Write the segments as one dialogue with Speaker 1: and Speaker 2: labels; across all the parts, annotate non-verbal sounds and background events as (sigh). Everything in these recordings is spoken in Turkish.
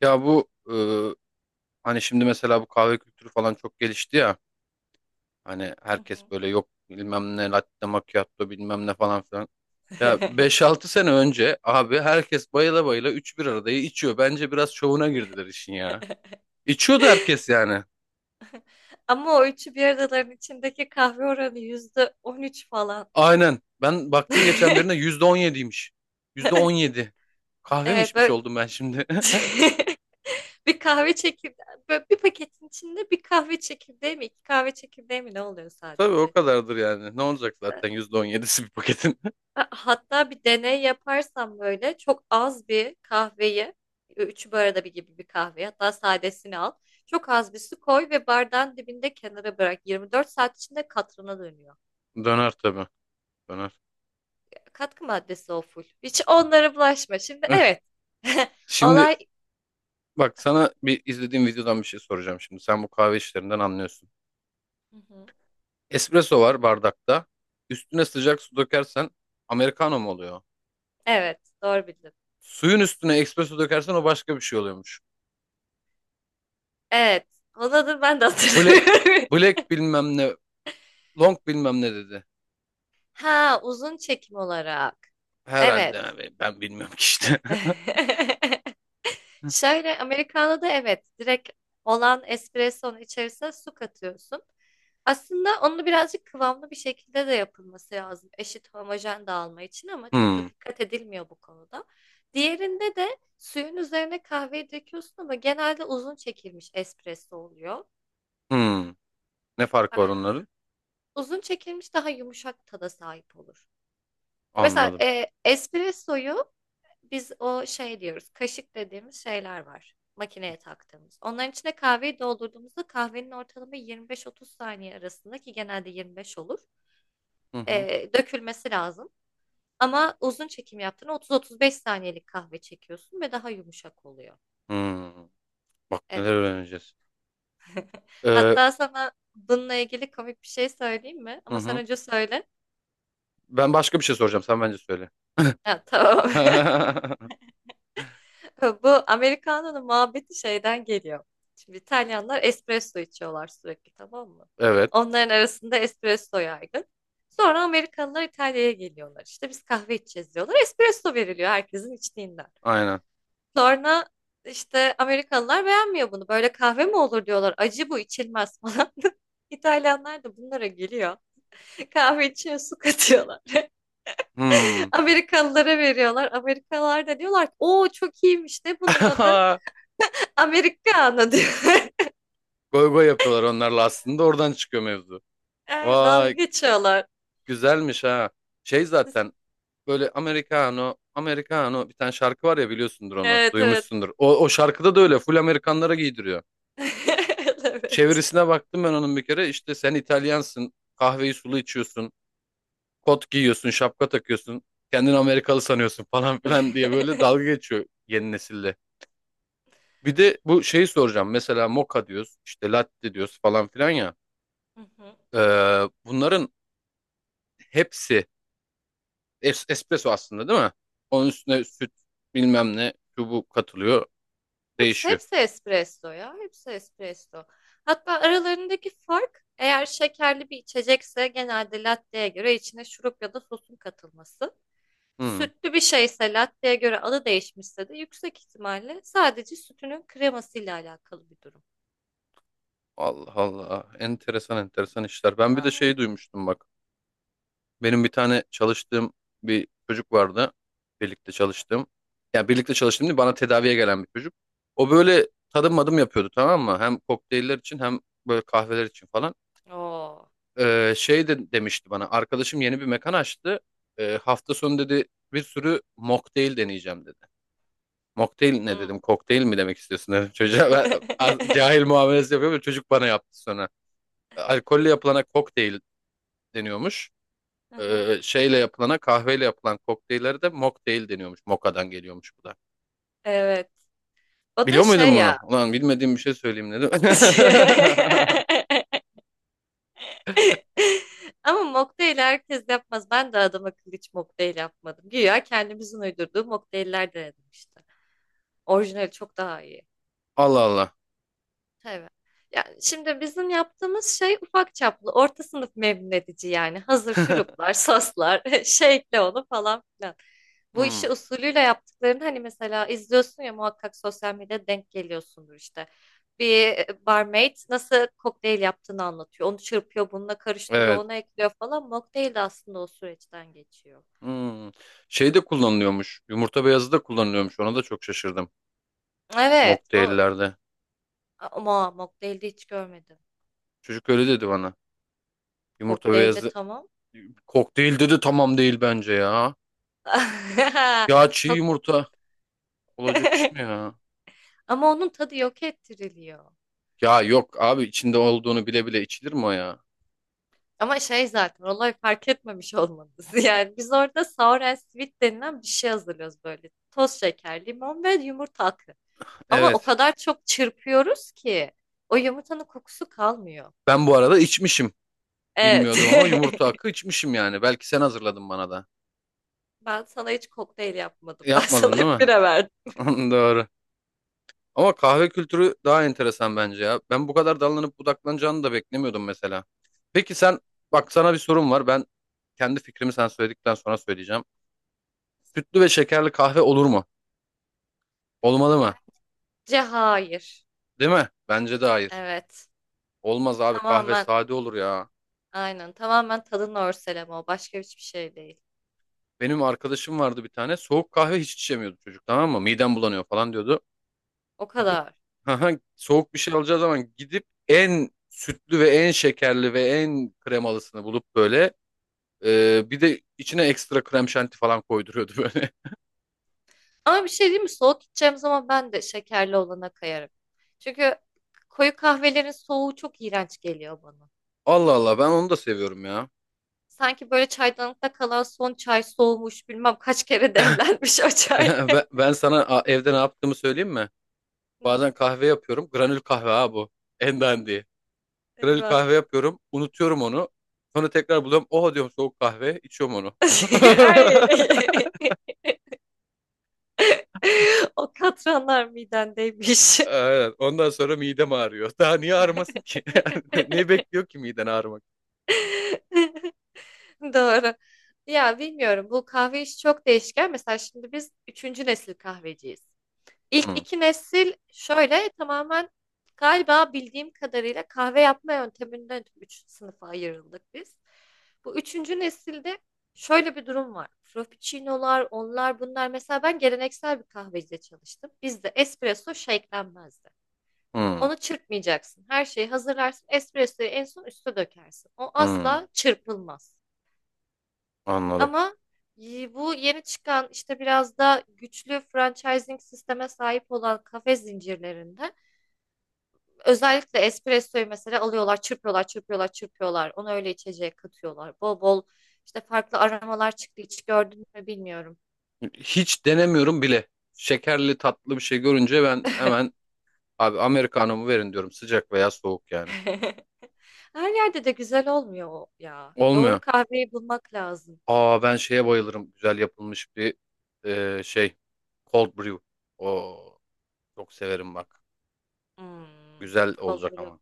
Speaker 1: Ya bu hani şimdi mesela bu kahve kültürü falan çok gelişti ya. Hani
Speaker 2: Hı
Speaker 1: herkes
Speaker 2: hı.
Speaker 1: böyle yok bilmem ne latte macchiato bilmem ne falan filan. Ya beş altı sene önce abi herkes bayıla bayıla 3 bir aradayı içiyor. Bence biraz şovuna girdiler işin ya.
Speaker 2: (laughs)
Speaker 1: İçiyordu herkes yani.
Speaker 2: Ama o üçü bir aradaların içindeki kahve oranı %13 falan.
Speaker 1: Aynen. Ben baktım geçen birine
Speaker 2: (laughs)
Speaker 1: %17'ymiş. %17. Kahve mi
Speaker 2: Evet
Speaker 1: içmiş
Speaker 2: böyle
Speaker 1: oldum ben şimdi? (laughs)
Speaker 2: (laughs) bir kahve çekirdeği böyle bir paketin içinde bir kahve çekirdeği mi iki kahve çekirdeği mi ne oluyor
Speaker 1: Tabii o
Speaker 2: sadece?
Speaker 1: kadardır yani. Ne olacak zaten %17'si bir paketin?
Speaker 2: Hatta bir deney yaparsam böyle çok az bir kahveyi, üç bu arada bir gibi bir kahveyi hatta sadesini al. Çok az bir su koy ve bardağın dibinde kenara bırak. 24 saat içinde katrına dönüyor.
Speaker 1: (laughs) Döner tabii. Döner.
Speaker 2: Katkı maddesi o full. Hiç onlara bulaşma. Şimdi
Speaker 1: (laughs)
Speaker 2: evet. (laughs)
Speaker 1: Şimdi
Speaker 2: Olay...
Speaker 1: bak, sana bir izlediğim videodan bir şey soracağım şimdi. Sen bu kahve işlerinden anlıyorsun.
Speaker 2: Hı hı.
Speaker 1: Espresso var bardakta. Üstüne sıcak su dökersen Americano mu oluyor?
Speaker 2: Evet, doğru bildin.
Speaker 1: Suyun üstüne espresso dökersen o başka bir şey oluyormuş.
Speaker 2: Evet. Onun adını ben de
Speaker 1: Black,
Speaker 2: hatırlamıyorum. (laughs)
Speaker 1: black bilmem ne, long bilmem ne dedi.
Speaker 2: Ha, uzun çekim olarak.
Speaker 1: Herhalde
Speaker 2: Evet.
Speaker 1: abi, ben bilmiyorum ki işte. (laughs)
Speaker 2: (laughs) Şöyle Americano'da evet direkt olan espressonun içerisine su katıyorsun. Aslında onu birazcık kıvamlı bir şekilde de yapılması lazım. Eşit homojen dağılma için ama çok
Speaker 1: Hmm,
Speaker 2: da dikkat edilmiyor bu konuda. Diğerinde de suyun üzerine kahveyi döküyorsun ama genelde uzun çekilmiş espresso oluyor.
Speaker 1: hmm. Ne farkı var
Speaker 2: Aynen.
Speaker 1: onların?
Speaker 2: Uzun çekilmiş daha yumuşak tada sahip olur. Mesela
Speaker 1: Anladım.
Speaker 2: espressoyu biz o şey diyoruz, kaşık dediğimiz şeyler var. Makineye taktığımız. Onların içine kahveyi doldurduğumuzda kahvenin ortalama 25-30 saniye arasında ki genelde 25 olur.
Speaker 1: Hı
Speaker 2: e,
Speaker 1: hı.
Speaker 2: dökülmesi lazım. Ama uzun çekim yaptığında 30-35 saniyelik kahve çekiyorsun ve daha yumuşak oluyor.
Speaker 1: Hmm. Bak neler
Speaker 2: Evet.
Speaker 1: öğreneceğiz. Ee,
Speaker 2: Hatta sana bununla ilgili komik bir şey söyleyeyim mi?
Speaker 1: hı
Speaker 2: Ama sen
Speaker 1: hı.
Speaker 2: önce söyle.
Speaker 1: Ben başka bir şey soracağım. Sen bence söyle.
Speaker 2: Ha, tamam.
Speaker 1: (laughs)
Speaker 2: (laughs) Bu Americano'nun muhabbeti şeyden geliyor. Şimdi İtalyanlar espresso içiyorlar sürekli, tamam mı?
Speaker 1: Evet.
Speaker 2: Onların arasında espresso yaygın. Sonra Amerikalılar İtalya'ya geliyorlar. İşte biz kahve içeceğiz diyorlar. Espresso veriliyor herkesin içtiğinden.
Speaker 1: Aynen.
Speaker 2: Sonra işte Amerikalılar beğenmiyor bunu. Böyle kahve mi olur diyorlar. Acı, bu içilmez falan. (laughs) İtalyanlar da bunlara geliyor. Kahve içine su katıyorlar. (laughs)
Speaker 1: Hmm.
Speaker 2: Amerikalılara veriyorlar. Amerikalılar da diyorlar ki o çok iyiymiş de bunun adı.
Speaker 1: (laughs)
Speaker 2: Amerikano diyor. (laughs)
Speaker 1: Goy goy yapıyorlar onlarla, aslında oradan çıkıyor mevzu.
Speaker 2: Aynen, dalga
Speaker 1: Vay,
Speaker 2: geçiyorlar.
Speaker 1: güzelmiş ha. Şey
Speaker 2: Siz-
Speaker 1: zaten böyle Americano, Americano bir tane şarkı var ya, biliyorsundur onu.
Speaker 2: Evet, evet.
Speaker 1: Duymuşsundur. O şarkıda da öyle full Amerikanlara giydiriyor.
Speaker 2: (laughs) Evet.
Speaker 1: Çevirisine baktım ben onun bir kere, işte sen İtalyansın, kahveyi sulu içiyorsun, kot giyiyorsun, şapka takıyorsun, kendini Amerikalı sanıyorsun (laughs) falan filan diye böyle dalga
Speaker 2: (laughs)
Speaker 1: geçiyor yeni nesille. Bir de bu şeyi soracağım, mesela moka diyoruz işte, latte diyoruz falan filan ya.
Speaker 2: Hı hı.
Speaker 1: Ee, bunların hepsi espresso aslında, değil mi? Onun üstüne süt bilmem ne şu bu katılıyor,
Speaker 2: Hepsi,
Speaker 1: değişiyor.
Speaker 2: hepsi espresso ya. Hepsi espresso. Hatta aralarındaki fark, eğer şekerli bir içecekse genelde latte'ye göre içine şurup ya da sosun katılması.
Speaker 1: Hmm.
Speaker 2: Sütlü bir şeyse latte'ye göre adı değişmişse de yüksek ihtimalle sadece sütünün kremasıyla alakalı bir durum.
Speaker 1: Allah Allah, enteresan enteresan işler. Ben bir de şey
Speaker 2: Aynen.
Speaker 1: duymuştum, bak. Benim bir tane çalıştığım bir çocuk vardı. Birlikte çalıştığım. Yani birlikte çalıştığım değil, bana tedaviye gelen bir çocuk. O böyle tadım madım yapıyordu, tamam mı? Hem kokteyller için hem böyle kahveler için falan.
Speaker 2: Oo.
Speaker 1: Şey de demişti bana. Arkadaşım yeni bir mekan açtı. Hafta sonu dedi bir sürü mocktail deneyeceğim dedi. Mocktail ne
Speaker 2: Hı.
Speaker 1: dedim? Kokteyl mi demek istiyorsun (laughs) dedim çocuğa. Ben,
Speaker 2: (laughs)
Speaker 1: cahil muamelesi yapıyorum. Çocuk bana yaptı sonra. Alkolle yapılana kokteyl deniyormuş.
Speaker 2: Aha,
Speaker 1: Şeyle yapılana, kahveyle yapılan kokteyllere de mocktail deniyormuş. Mokka'dan geliyormuş bu da.
Speaker 2: evet. O da
Speaker 1: Biliyor muydun
Speaker 2: şey
Speaker 1: bunu?
Speaker 2: ya.
Speaker 1: Ulan bilmediğim bir şey söyleyeyim dedim. (laughs)
Speaker 2: (laughs) Ama mocktail herkes yapmaz. Ben de adam akıllı hiç mocktail yapmadım. Güya kendimizin uydurduğu mocktailler denedim işte. Orijinali çok daha iyi.
Speaker 1: Allah Allah.
Speaker 2: Evet. Yani şimdi bizim yaptığımız şey ufak çaplı, orta sınıf memnun edici yani. Hazır
Speaker 1: (laughs)
Speaker 2: şuruplar, soslar, (laughs) şey ekle onu falan filan. Bu işi
Speaker 1: Hmm,
Speaker 2: usulüyle yaptıklarını hani mesela izliyorsun ya, muhakkak sosyal medyada denk geliyorsundur işte. Bir barmaid nasıl kokteyl yaptığını anlatıyor. Onu çırpıyor, bununla karıştırıyor,
Speaker 1: evet.
Speaker 2: ona ekliyor falan. Mocktail de aslında o süreçten geçiyor.
Speaker 1: Hmm. Şey de kullanılıyormuş. Yumurta beyazı da kullanılıyormuş. Ona da çok şaşırdım.
Speaker 2: Evet, o
Speaker 1: Mocktaillerde.
Speaker 2: ama mocktail'de hiç görmedim.
Speaker 1: Çocuk öyle dedi bana. Yumurta
Speaker 2: Kokteylde
Speaker 1: beyazı
Speaker 2: tamam.
Speaker 1: kokteyl dedi, tamam değil bence ya.
Speaker 2: (laughs)
Speaker 1: Ya çiğ
Speaker 2: Kok
Speaker 1: yumurta olacak iş mi
Speaker 2: (laughs)
Speaker 1: ya?
Speaker 2: Ama onun tadı yok ettiriliyor.
Speaker 1: Ya yok abi, içinde olduğunu bile bile içilir mi o ya?
Speaker 2: Ama şey, zaten olay fark etmemiş olmanız. (laughs) Yani biz orada sour and sweet denilen bir şey hazırlıyoruz böyle. Toz şeker, limon ve yumurta akı. Ama o
Speaker 1: Evet.
Speaker 2: kadar çok çırpıyoruz ki o yumurtanın kokusu kalmıyor.
Speaker 1: Ben bu arada içmişim.
Speaker 2: Evet.
Speaker 1: Bilmiyordum ama yumurta
Speaker 2: (laughs)
Speaker 1: hakkı içmişim yani. Belki sen hazırladın bana da.
Speaker 2: Ben sana hiç kokteyl yapmadım. Ben sana
Speaker 1: Yapmadın değil
Speaker 2: hep bira verdim.
Speaker 1: mi? (laughs) Doğru. Ama kahve kültürü daha enteresan bence ya. Ben bu kadar dallanıp budaklanacağını da beklemiyordum mesela. Peki sen, bak sana bir sorum var. Ben kendi fikrimi sen söyledikten sonra söyleyeceğim. Sütlü ve şekerli kahve olur mu? Olmalı mı?
Speaker 2: Bence hayır.
Speaker 1: Değil mi? Bence de hayır.
Speaker 2: Evet.
Speaker 1: Olmaz abi, kahve
Speaker 2: Tamamen
Speaker 1: sade olur ya.
Speaker 2: aynen. Tamamen tadın örseleme o. Başka hiçbir şey değil.
Speaker 1: Benim arkadaşım vardı bir tane, soğuk kahve hiç içemiyordu çocuk, tamam mı? Midem bulanıyor falan diyordu.
Speaker 2: O
Speaker 1: Gidip
Speaker 2: kadar.
Speaker 1: (laughs) haha, soğuk bir şey alacağı zaman gidip en sütlü ve en şekerli ve en kremalısını bulup böyle bir de içine ekstra krem şanti falan koyduruyordu böyle.
Speaker 2: Ama bir şey diyeyim mi? Soğuk içeceğim zaman ben de şekerli olana kayarım. Çünkü koyu kahvelerin soğuğu çok iğrenç geliyor bana.
Speaker 1: (laughs) Allah Allah, ben onu da seviyorum ya. (laughs)
Speaker 2: Sanki böyle çaydanlıkta kalan son çay, soğumuş bilmem kaç kere (laughs) demlenmiş o çay.
Speaker 1: Ben,
Speaker 2: (laughs)
Speaker 1: ben, ben sana evde ne yaptığımı söyleyeyim mi?
Speaker 2: Ne
Speaker 1: Bazen
Speaker 2: yaptın?
Speaker 1: kahve yapıyorum. Granül kahve ha bu. En dandiği. Granül
Speaker 2: Eyvah.
Speaker 1: kahve yapıyorum. Unutuyorum onu. Sonra tekrar buluyorum. Oha diyorum, soğuk kahve, içiyorum onu.
Speaker 2: (laughs)
Speaker 1: (laughs)
Speaker 2: Ay. (laughs) O katranlar midendeymiş.
Speaker 1: Aynen. Ondan sonra midem ağrıyor. Daha niye ağrımasın ki? (laughs) Ne
Speaker 2: (laughs)
Speaker 1: bekliyor ki miden, ağrımak?
Speaker 2: Doğru. Ya bilmiyorum, bu kahve işi çok değişken. Mesela şimdi biz üçüncü nesil kahveciyiz. İlk
Speaker 1: Hı,
Speaker 2: iki nesil şöyle tamamen, galiba bildiğim kadarıyla kahve yapma yönteminden üç sınıfa ayrıldık biz. Bu üçüncü nesilde şöyle bir durum var. Frappuccino'lar, onlar bunlar. Mesela ben geleneksel bir kahvecide çalıştım. Bizde espresso shake'lenmezdi.
Speaker 1: hı,
Speaker 2: Onu çırpmayacaksın. Her şeyi hazırlarsın. Espressoyu en son üste dökersin. O
Speaker 1: hı.
Speaker 2: asla çırpılmaz.
Speaker 1: Anladım.
Speaker 2: Ama bu yeni çıkan işte biraz da güçlü franchising sisteme sahip olan kafe zincirlerinde özellikle espressoyu mesela alıyorlar, çırpıyorlar, çırpıyorlar, çırpıyorlar. Onu öyle içeceğe katıyorlar. Bol bol işte farklı aromalar çıktı. Hiç gördün mü bilmiyorum.
Speaker 1: Hiç denemiyorum bile. Şekerli tatlı bir şey görünce ben
Speaker 2: (laughs)
Speaker 1: hemen, abi Americano'mu verin diyorum. Sıcak veya soğuk yani.
Speaker 2: Her yerde de güzel olmuyor o ya. Doğru
Speaker 1: Olmuyor.
Speaker 2: kahveyi bulmak lazım.
Speaker 1: Aa, ben şeye bayılırım. Güzel yapılmış bir şey. Cold brew. Oo, çok severim bak.
Speaker 2: Hmm,
Speaker 1: Güzel
Speaker 2: cold
Speaker 1: olacak
Speaker 2: brew.
Speaker 1: ama.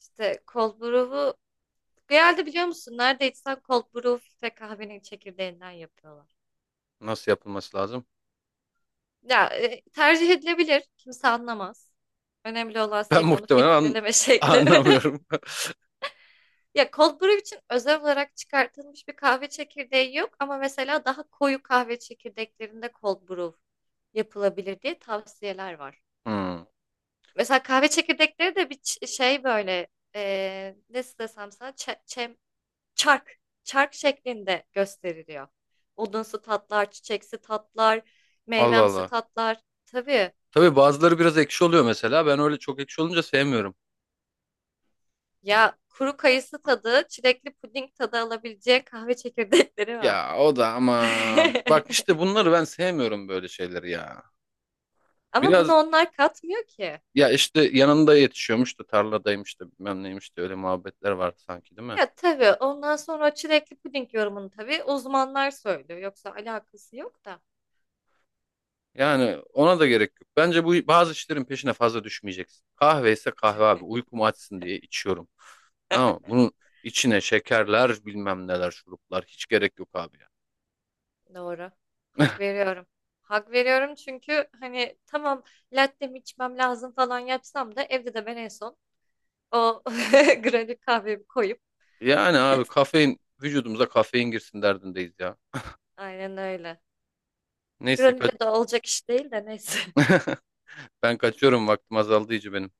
Speaker 2: İşte cold brew'u genelde biliyor musun? Nerede içsen cold brew ve kahvenin çekirdeğinden yapıyorlar.
Speaker 1: Nasıl yapılması lazım? (laughs)
Speaker 2: Ya tercih edilebilir. Kimse anlamaz. Önemli olan
Speaker 1: Ben
Speaker 2: senin onu
Speaker 1: muhtemelen
Speaker 2: filtreleme
Speaker 1: (laughs)
Speaker 2: şekli. (laughs)
Speaker 1: anlamıyorum. (laughs)
Speaker 2: Ya cold brew için özel olarak çıkartılmış bir kahve çekirdeği yok ama mesela daha koyu kahve çekirdeklerinde cold brew yapılabilir diye tavsiyeler var.
Speaker 1: Hmm.
Speaker 2: Mesela kahve çekirdekleri de bir şey böyle, nasıl desem sana, çark çark şeklinde gösteriliyor. Odunsu tatlar, çiçeksi tatlar,
Speaker 1: Allah
Speaker 2: meyvemsi
Speaker 1: Allah.
Speaker 2: tatlar. Tabii
Speaker 1: Tabii bazıları biraz ekşi oluyor mesela. Ben öyle çok ekşi olunca sevmiyorum.
Speaker 2: ya, kuru kayısı tadı, çilekli puding tadı alabileceği kahve çekirdekleri var.
Speaker 1: Ya o da aman. Bak
Speaker 2: (laughs)
Speaker 1: işte bunları ben sevmiyorum, böyle şeyleri ya.
Speaker 2: Ama bunu
Speaker 1: Biraz,
Speaker 2: onlar katmıyor ki.
Speaker 1: ya işte yanında yetişiyormuş da, tarladaymış da, bilmem neymiş de, öyle muhabbetler vardı sanki, değil mi?
Speaker 2: Ya tabii ondan sonra çilekli puding yorumunu tabii uzmanlar söylüyor. Yoksa alakası yok da.
Speaker 1: Yani ona da gerek yok. Bence bu, bazı işlerin peşine fazla düşmeyeceksin. Kahve ise kahve abi. Uykumu açsın diye içiyorum. Ama bunun içine şekerler bilmem neler şuruplar hiç gerek yok abi ya.
Speaker 2: Doğru. Hak veriyorum. Hak veriyorum, çünkü hani tamam, latte mi içmem lazım falan yapsam da evde de ben en son o (laughs) granül kahvemi koyup
Speaker 1: Yani abi, kafein, vücudumuza kafein girsin derdindeyiz ya.
Speaker 2: aynen öyle.
Speaker 1: Neyse
Speaker 2: Granüle de olacak iş değil de neyse. (laughs)
Speaker 1: ben kaçıyorum, vaktim azaldı iyice benim.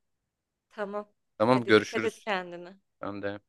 Speaker 2: Tamam.
Speaker 1: Tamam,
Speaker 2: Hadi dikkat et
Speaker 1: görüşürüz.
Speaker 2: kendine.
Speaker 1: Ben de.